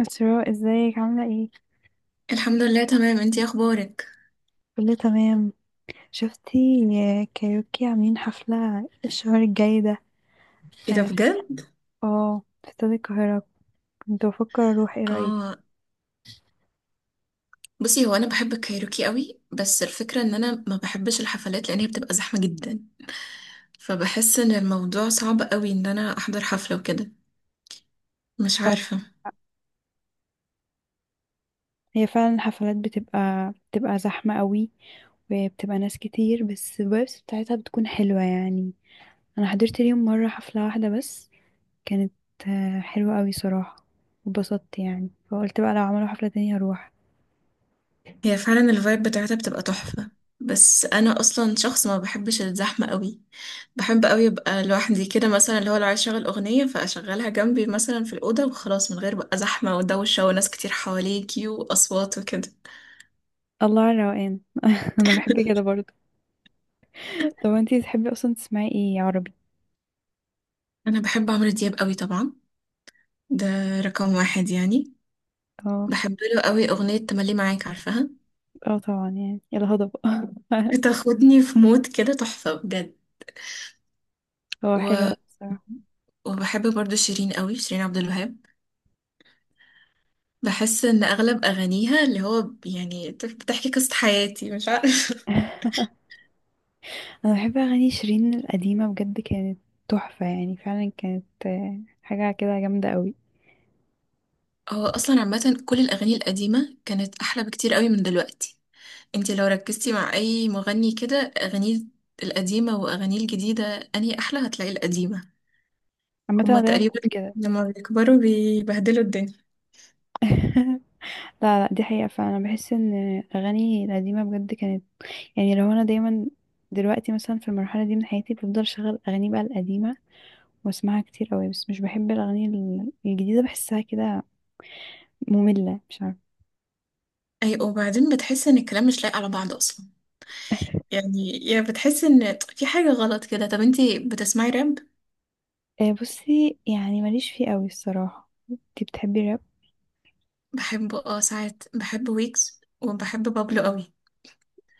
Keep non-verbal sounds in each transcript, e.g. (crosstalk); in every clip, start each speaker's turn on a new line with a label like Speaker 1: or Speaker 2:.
Speaker 1: أسراء، ازيك عاملة ايه؟
Speaker 2: الحمد لله، تمام. انتي اخبارك؟
Speaker 1: كله تمام. شفتي كايروكي عاملين حفلة الشهر الجاي ده؟
Speaker 2: ايه ده
Speaker 1: في،
Speaker 2: بجد؟
Speaker 1: اه، في استاد القاهرة. كنت بفكر اروح، ايه رأيك؟
Speaker 2: اه. بصي، هو انا بحب الكايروكي قوي، بس الفكره ان انا ما بحبش الحفلات لان هي بتبقى زحمه جدا. فبحس ان الموضوع صعب قوي ان انا احضر حفله وكده. مش
Speaker 1: اه،
Speaker 2: عارفه.
Speaker 1: هي فعلا الحفلات بتبقى زحمة قوي، وبتبقى ناس كتير، بس الفايبس بتاعتها بتكون حلوة يعني. انا حضرت ليهم مرة حفلة واحدة بس. كانت حلوة قوي صراحة، واتبسطت يعني، فقلت بقى لو عملوا حفلة تانية هروح.
Speaker 2: هي فعلا الفايب بتاعتها بتبقى تحفه، بس انا اصلا شخص ما بحبش الزحمه قوي. بحب قوي ابقى لوحدي كده، مثلا اللي هو لو عايز اشغل اغنيه فاشغلها جنبي مثلا في الاوضه وخلاص، من غير بقى زحمه ودوشه وناس كتير حواليكي واصوات وكده.
Speaker 1: الله على الروقان. (laughs) انا بحب كده برضه. طب انتي تحبي اصلا تسمعي ايه عربي؟
Speaker 2: انا بحب عمرو دياب قوي طبعا. ده رقم واحد يعني.
Speaker 1: اه،
Speaker 2: بحب له قوي أغنية تملي معاك، عارفاها؟
Speaker 1: اه طبعا، يعني الهضبة.
Speaker 2: بتاخدني في مود كده تحفة بجد.
Speaker 1: (laughs) هو حلو
Speaker 2: و...
Speaker 1: اوي الصراحة.
Speaker 2: وبحب برضو شيرين قوي، شيرين عبد الوهاب. بحس إن أغلب أغانيها اللي هو بتحكي قصة حياتي، مش عارفة.
Speaker 1: (laughs) انا بحب اغاني شيرين القديمة، بجد كانت تحفة، يعني فعلا كانت حاجة كده جامدة قوي.
Speaker 2: (laughs) هو أصلا عامة كل الأغاني القديمة كانت أحلى بكتير قوي من دلوقتي. انتي لو ركزتي مع أي مغني كده أغانيه القديمة وأغانيه الجديدة، أنهي أحلى؟ هتلاقي القديمة.
Speaker 1: عامة انا
Speaker 2: هما
Speaker 1: دايما بقول
Speaker 2: تقريبا
Speaker 1: كده.
Speaker 2: لما بيكبروا بيبهدلوا الدنيا.
Speaker 1: (laughs) لا لا، دي حقيقة، فأنا بحس إن أغاني القديمة بجد كانت، يعني لو أنا دايما. دلوقتي مثلا في المرحلة دي من حياتي بفضل شغل أغاني بقى القديمة واسمعها كتير قوي، بس مش بحب الأغاني الجديدة، بحسها كده مملة، مش عارفة.
Speaker 2: اي، وبعدين بتحس ان الكلام مش لايق على بعض اصلا،
Speaker 1: (laughs)
Speaker 2: يعني يا بتحس ان في حاجة غلط كده. طب انتي بتسمعي راب؟
Speaker 1: بصي يعني ماليش فيه قوي الصراحة، انتي بتحبي الراب؟
Speaker 2: بحبه، اه. ساعات بحب ويكس وبحب بابلو قوي.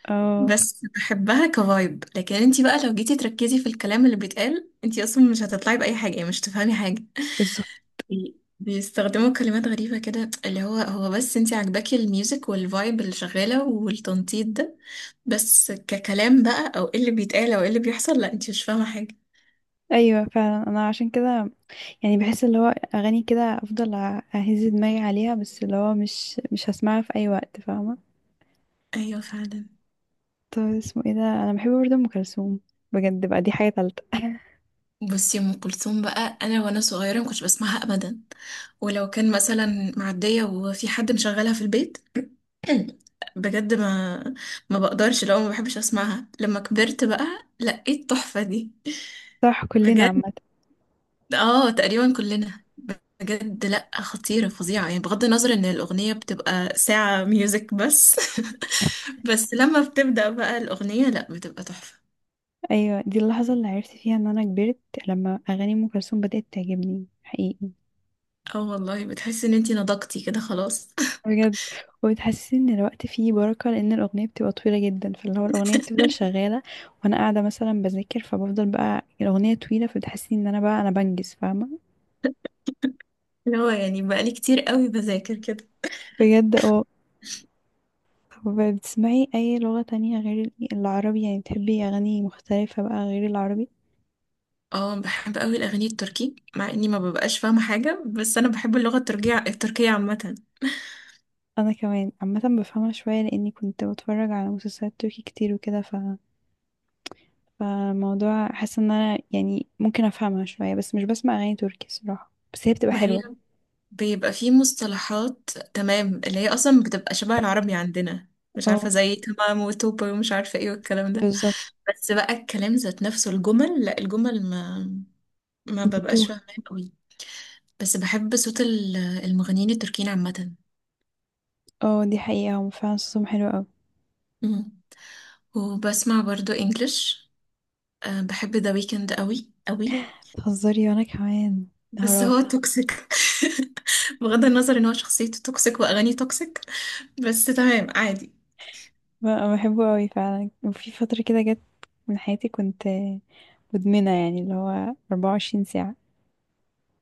Speaker 1: اه،
Speaker 2: بس بحبها كفايب، لكن انتي بقى لو جيتي تركزي في الكلام اللي بيتقال انتي اصلا مش هتطلعي بأي حاجة، يعني مش تفهمي حاجة.
Speaker 1: بالظبط.
Speaker 2: بيستخدموا كلمات غريبة كده، اللي هو هو بس انتي عاجباكي الميوزك والفايب اللي شغالة والتنطيط ده. بس ككلام بقى او ايه اللي بيتقال او ايه اللي بيحصل، لا انتي مش فاهمة حاجة.
Speaker 1: ايوه فعلا، انا عشان كده يعني بحس اللي هو اغاني كده افضل اهز دماغي عليها، بس اللي هو مش هسمعها في اي وقت، فاهمة.
Speaker 2: ايوه فعلا.
Speaker 1: طب اسمه ايه ده، انا بحب برضه ام كلثوم، بجد بقى دي حاجة تالتة. (laughs)
Speaker 2: بصي ام كلثوم بقى، انا وانا صغيره ما كنتش بسمعها ابدا، ولو كان مثلا معديه وفي حد مشغلها في البيت. (clears throat) بجد ما بقدرش، لو ما بحبش اسمعها. لما كبرت بقى لقيت التحفه دي.
Speaker 1: صح كلنا
Speaker 2: بجد.
Speaker 1: عامة.
Speaker 2: اه، تقريبا كلنا. بجد، لا، خطيره فظيعه، يعني بغض النظر ان الاغنيه بتبقى ساعه ميوزك بس. (laughs) بس لما بتبدا بقى الاغنيه لا بتبقى تحفه.
Speaker 1: ايوه، دي اللحظة اللي عرفت فيها ان انا كبرت، لما اغاني ام كلثوم بدأت تعجبني حقيقي.
Speaker 2: اه والله، بتحسي ان انتي نضجتي كده خلاص.
Speaker 1: بجد، وبتحسسني ان الوقت فيه بركة لان الاغنية بتبقى طويلة جدا، فاللي هو الاغنية بتفضل شغالة وانا قاعدة مثلا بذاكر، فبفضل بقى الاغنية طويلة فبتحسسني ان انا بقى انا بنجز، فاهمة.
Speaker 2: اللي هو يعني بقالي كتير قوي بذاكر كده.
Speaker 1: بجد اه. طب بتسمعي اي لغة تانية غير العربي؟ يعني بتحبي اغاني مختلفة بقى غير العربي؟
Speaker 2: اه، بحب قوي الاغاني التركي، مع اني ما ببقاش فاهمه حاجه، بس انا بحب اللغه التركيه، التركيه عامه.
Speaker 1: انا كمان عامة بفهمها شوية لاني كنت بتفرج على مسلسلات تركي كتير وكده، فالموضوع حاسة ان انا يعني ممكن افهمها شوية، بس مش بسمع اغاني تركي صراحة، بس هي بتبقى
Speaker 2: ما هي
Speaker 1: حلوة.
Speaker 2: بيبقى في مصطلحات تمام اللي هي اصلا بتبقى شبه العربي عندنا، مش عارفه،
Speaker 1: اه
Speaker 2: زي تمام وتوبة ومش عارفه ايه والكلام ده.
Speaker 1: بالظبط.
Speaker 2: بس بقى الكلام ذات نفسه الجمل، لا، الجمل ما ببقاش فاهمه قوي. بس بحب صوت المغنيين التركيين عامه.
Speaker 1: اه دي حقيقة، هو فعلا صوصهم حلو اوي.
Speaker 2: مم. وبسمع برضو انجلش. أه، بحب ذا ويكند قوي قوي،
Speaker 1: تهزري، وانا كمان.
Speaker 2: بس
Speaker 1: نهار
Speaker 2: هو
Speaker 1: ابيض.
Speaker 2: توكسيك. (laughs) بغض النظر ان هو شخصيته توكسيك واغانيه توكسيك، بس تمام عادي.
Speaker 1: ب- بحبه اوي فعلا، وفي فترة كده جت من حياتي كنت مدمنة يعني، اللي هو 24 ساعة.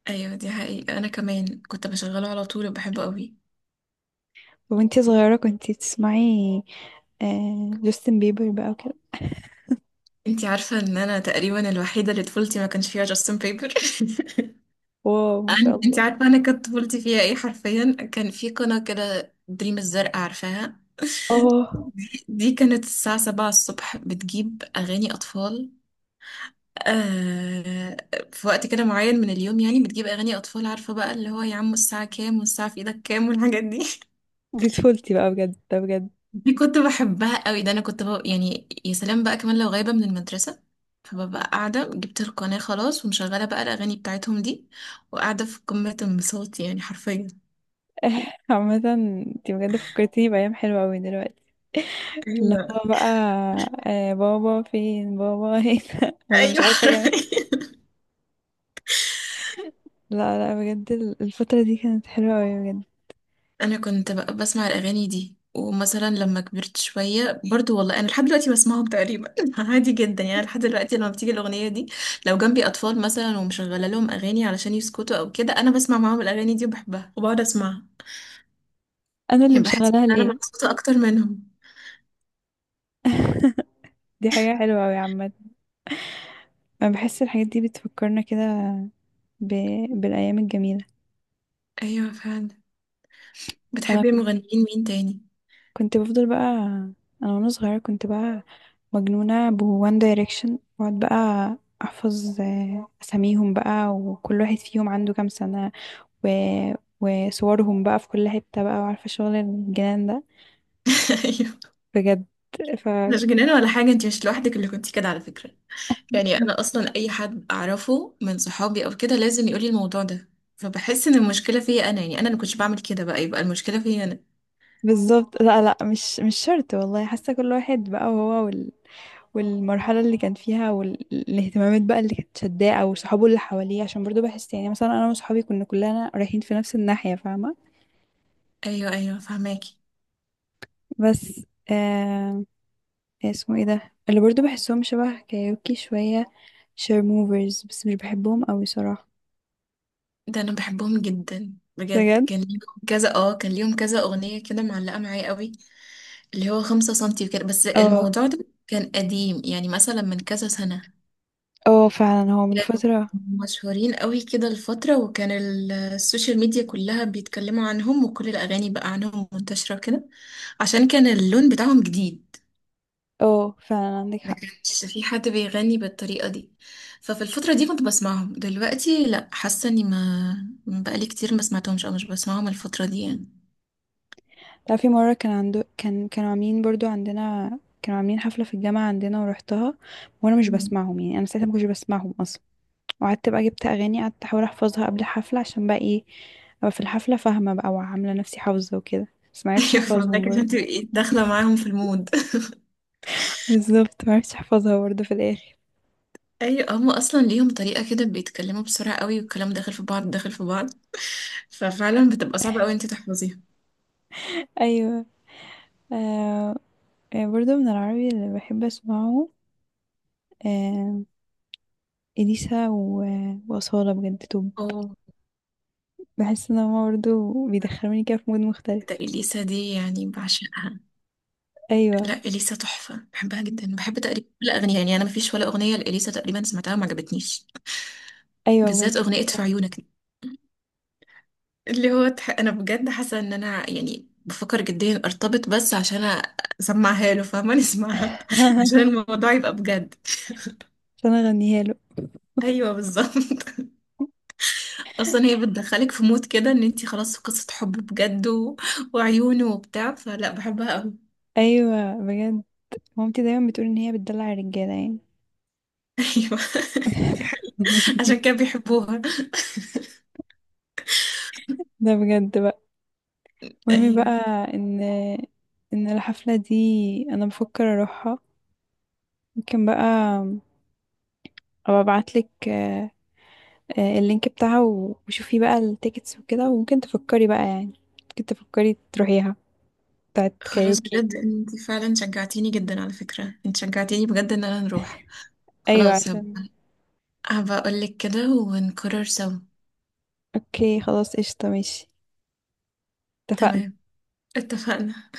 Speaker 2: ايوه دي حقيقة، انا كمان كنت بشغله على طول وبحبه قوي.
Speaker 1: وانتي صغيرة كنتي بتسمعي آه جاستن بيبر بقى وكده.
Speaker 2: انتي عارفة ان انا تقريبا الوحيدة اللي طفولتي ما كانش فيها جاستن بيبر.
Speaker 1: واو،
Speaker 2: (laughs)
Speaker 1: ما شاء الله.
Speaker 2: انتي عارفة انا كانت طفولتي فيها ايه؟ حرفيا كان في قناة كده دريم الزرق، عارفاها؟ (laughs)
Speaker 1: اه،
Speaker 2: دي كانت الساعة 7 الصبح بتجيب أغاني أطفال. آه، في وقت كده معين من اليوم يعني بتجيب اغاني اطفال، عارفه بقى اللي هو يا عم الساعه كام، والساعه في ايدك كام، والحاجات دي. (laughs)
Speaker 1: دي طفولتي بقى بجد، ده بجد.
Speaker 2: دي كنت بحبها قوي. ده انا كنت بقى يعني يا سلام بقى كمان لو غايبه من المدرسه، فببقى قاعده جبت القناه خلاص ومشغله بقى الاغاني بتاعتهم دي، وقاعده في قمه انبساطي يعني حرفيا.
Speaker 1: (laughs) عامة انتي بجد فكرتيني بأيام حلوة اوي دلوقتي. اللي
Speaker 2: ايوه
Speaker 1: هو بقى، آه بابا فين بابا هنا. (laughs) ولا مش
Speaker 2: ايوه. (laughs)
Speaker 1: عارفة.
Speaker 2: حرفيا.
Speaker 1: لا لا بجد الفترة دي كانت حلوة أوي بجد.
Speaker 2: انا كنت بسمع الاغاني دي، ومثلا لما كبرت شويه برضو والله انا لحد دلوقتي بسمعهم تقريبا. (laughs) عادي جدا يعني، لحد دلوقتي لما بتيجي الاغنيه دي لو جنبي اطفال مثلا ومشغله لهم اغاني علشان يسكتوا او كده، انا بسمع معاهم الاغاني دي وبحبها وبقعد اسمعها.
Speaker 1: أنا اللي
Speaker 2: يعني بحس ان
Speaker 1: مشغلاها
Speaker 2: انا
Speaker 1: ليه.
Speaker 2: مبسوطه اكتر منهم.
Speaker 1: (laughs) دي حاجة حلوة أوي عامة. أنا بحس الحاجات دي بتفكرنا كده ب... بالأيام الجميلة.
Speaker 2: ايوه فعلا.
Speaker 1: أنا
Speaker 2: بتحبي
Speaker 1: كنت،
Speaker 2: مغنيين مين تاني؟
Speaker 1: كنت بفضل بقى، أنا وأنا صغيرة كنت بقى مجنونة بوان دايركشن، وأقعد بقى أحفظ أساميهم بقى، وكل واحد فيهم عنده كام سنة، و... وصورهم بقى في كل حتة بقى، وعارفة شغل الجنان ده.
Speaker 2: (laughs) ايوه،
Speaker 1: بجد ف.
Speaker 2: مش جنان ولا حاجه. انت مش لوحدك اللي كنتي كده على فكره، يعني
Speaker 1: (laughs)
Speaker 2: انا اصلا اي حد اعرفه من صحابي او كده لازم يقولي الموضوع ده. فبحس ان المشكله فيا انا، يعني انا اللي كنتش بعمل كده بقى يبقى المشكله فيا انا.
Speaker 1: بالظبط، لا لا، مش شرط والله، حاسة كل واحد بقى، وهو والمرحلة اللي كان فيها والاهتمامات بقى اللي كانت شداه أو صحابه اللي حواليه، عشان برضو بحس يعني مثلا أنا وصحابي كنا كلنا رايحين في نفس الناحية، فاهمة.
Speaker 2: ايوه ايوه، فهماكي.
Speaker 1: بس آه، إيه اسمه ايه ده اللي برضو بحسهم شبه كايوكي شوية، شير موفرز، بس مش بحبهم أوي صراحة.
Speaker 2: ده انا بحبهم جدا بجد.
Speaker 1: بجد
Speaker 2: كان ليهم كذا اغنيه كده معلقه معايا قوي. اللي هو 5 سنتي وكده، بس
Speaker 1: اه.
Speaker 2: الموضوع ده كان قديم يعني مثلا من كذا سنه.
Speaker 1: اه فعلا هو من
Speaker 2: كانوا
Speaker 1: فترة.
Speaker 2: مشهورين قوي كده الفترة، وكان السوشيال ميديا كلها بيتكلموا عنهم وكل الأغاني بقى عنهم منتشرة كده، عشان كان اللون بتاعهم جديد.
Speaker 1: اه فعلا عندك.
Speaker 2: ما كانش في حد بيغني بالطريقة دي. ففي الفترة دي كنت بسمعهم، دلوقتي لا، حاسة اني ما بقالي كتير ما سمعتهمش او مش بسمعهم الفترة دي يعني.
Speaker 1: تعرفي مرة كان عنده، كان كانوا عاملين برضو عندنا، كانوا عاملين حفلة في الجامعة عندنا ورحتها، وانا مش
Speaker 2: (laughs) مم.
Speaker 1: بسمعهم يعني، انا ساعتها ما كنتش بسمعهم اصلا، وقعدت بقى جبت اغاني قعدت احاول احفظها قبل الحفلة عشان بقى ايه، ابقى في الحفلة فاهمة بقى وعاملة نفسي حافظة وكده، بس ما عرفتش
Speaker 2: ايوه
Speaker 1: احفظهم
Speaker 2: فاهمك، عشان
Speaker 1: برضه.
Speaker 2: تبقي داخلة
Speaker 1: (laughs)
Speaker 2: معاهم في المود.
Speaker 1: بالظبط، ما عرفتش احفظها برضه في الاخر.
Speaker 2: (laughs) ايوه، هم اصلا ليهم طريقة كده بيتكلموا بسرعة قوي، والكلام داخل في بعض داخل في بعض. ففعلا بتبقى صعبة قوي انت تحفظيها.
Speaker 1: ايوه آه. برضه من العربي اللي بحب اسمعه آه، اليسا واصالة، بجد توب.
Speaker 2: اه.
Speaker 1: بحس ان هما برضه بيدخلوني كده في مود مختلف.
Speaker 2: ده اليسا دي يعني بعشقها.
Speaker 1: ايوه،
Speaker 2: لا، اليسا تحفه، بحبها جدا. بحب تقريبا كل اغنيه، يعني انا مفيش ولا اغنيه لاليسا تقريبا سمعتها ما عجبتنيش.
Speaker 1: ايوه بجد
Speaker 2: بالذات
Speaker 1: هي
Speaker 2: اغنيه في
Speaker 1: تحفة.
Speaker 2: عيونك دي. اللي هو انا بجد حاسه ان انا يعني بفكر جديا ارتبط بس عشان اسمعها له، فاهمه؟ نسمعها. (laughs) عشان
Speaker 1: (laughs)
Speaker 2: الموضوع يبقى بجد.
Speaker 1: عشان اغنيها له.
Speaker 2: ايوه بالظبط. (laughs) اصلا هي بتدخلك في مود كده ان انتي خلاص في قصه حب بجد وعيونه وبتاع، فلا، بحبها قوي.
Speaker 1: ايوه بجد، مامتي دايما بتقول ان هي بتدلع الرجاله يعني.
Speaker 2: (laughs) ايوه. (laughs) دي حقيقة. عشان كده
Speaker 1: (laughs)
Speaker 2: بيحبوها.
Speaker 1: ده بجد بقى. المهم بقى،
Speaker 2: ايوه.
Speaker 1: ان ان الحفله دي انا بفكر اروحها، ممكن بقى ابقى ابعتلك اللينك بتاعها وشوفي بقى التيكتس وكده، وممكن تفكري بقى يعني، ممكن تفكري تروحيها، بتاعت
Speaker 2: خلاص
Speaker 1: كايوكي.
Speaker 2: بجد، انت فعلا شجعتيني جدا. على فكرة انت شجعتيني بجد ان انا نروح.
Speaker 1: ايوه
Speaker 2: خلاص،
Speaker 1: عشان.
Speaker 2: هبقى اقولك كده ونقرر سوا.
Speaker 1: اوكي خلاص، قشطه، ماشي، اتفقنا.
Speaker 2: تمام، اتفقنا.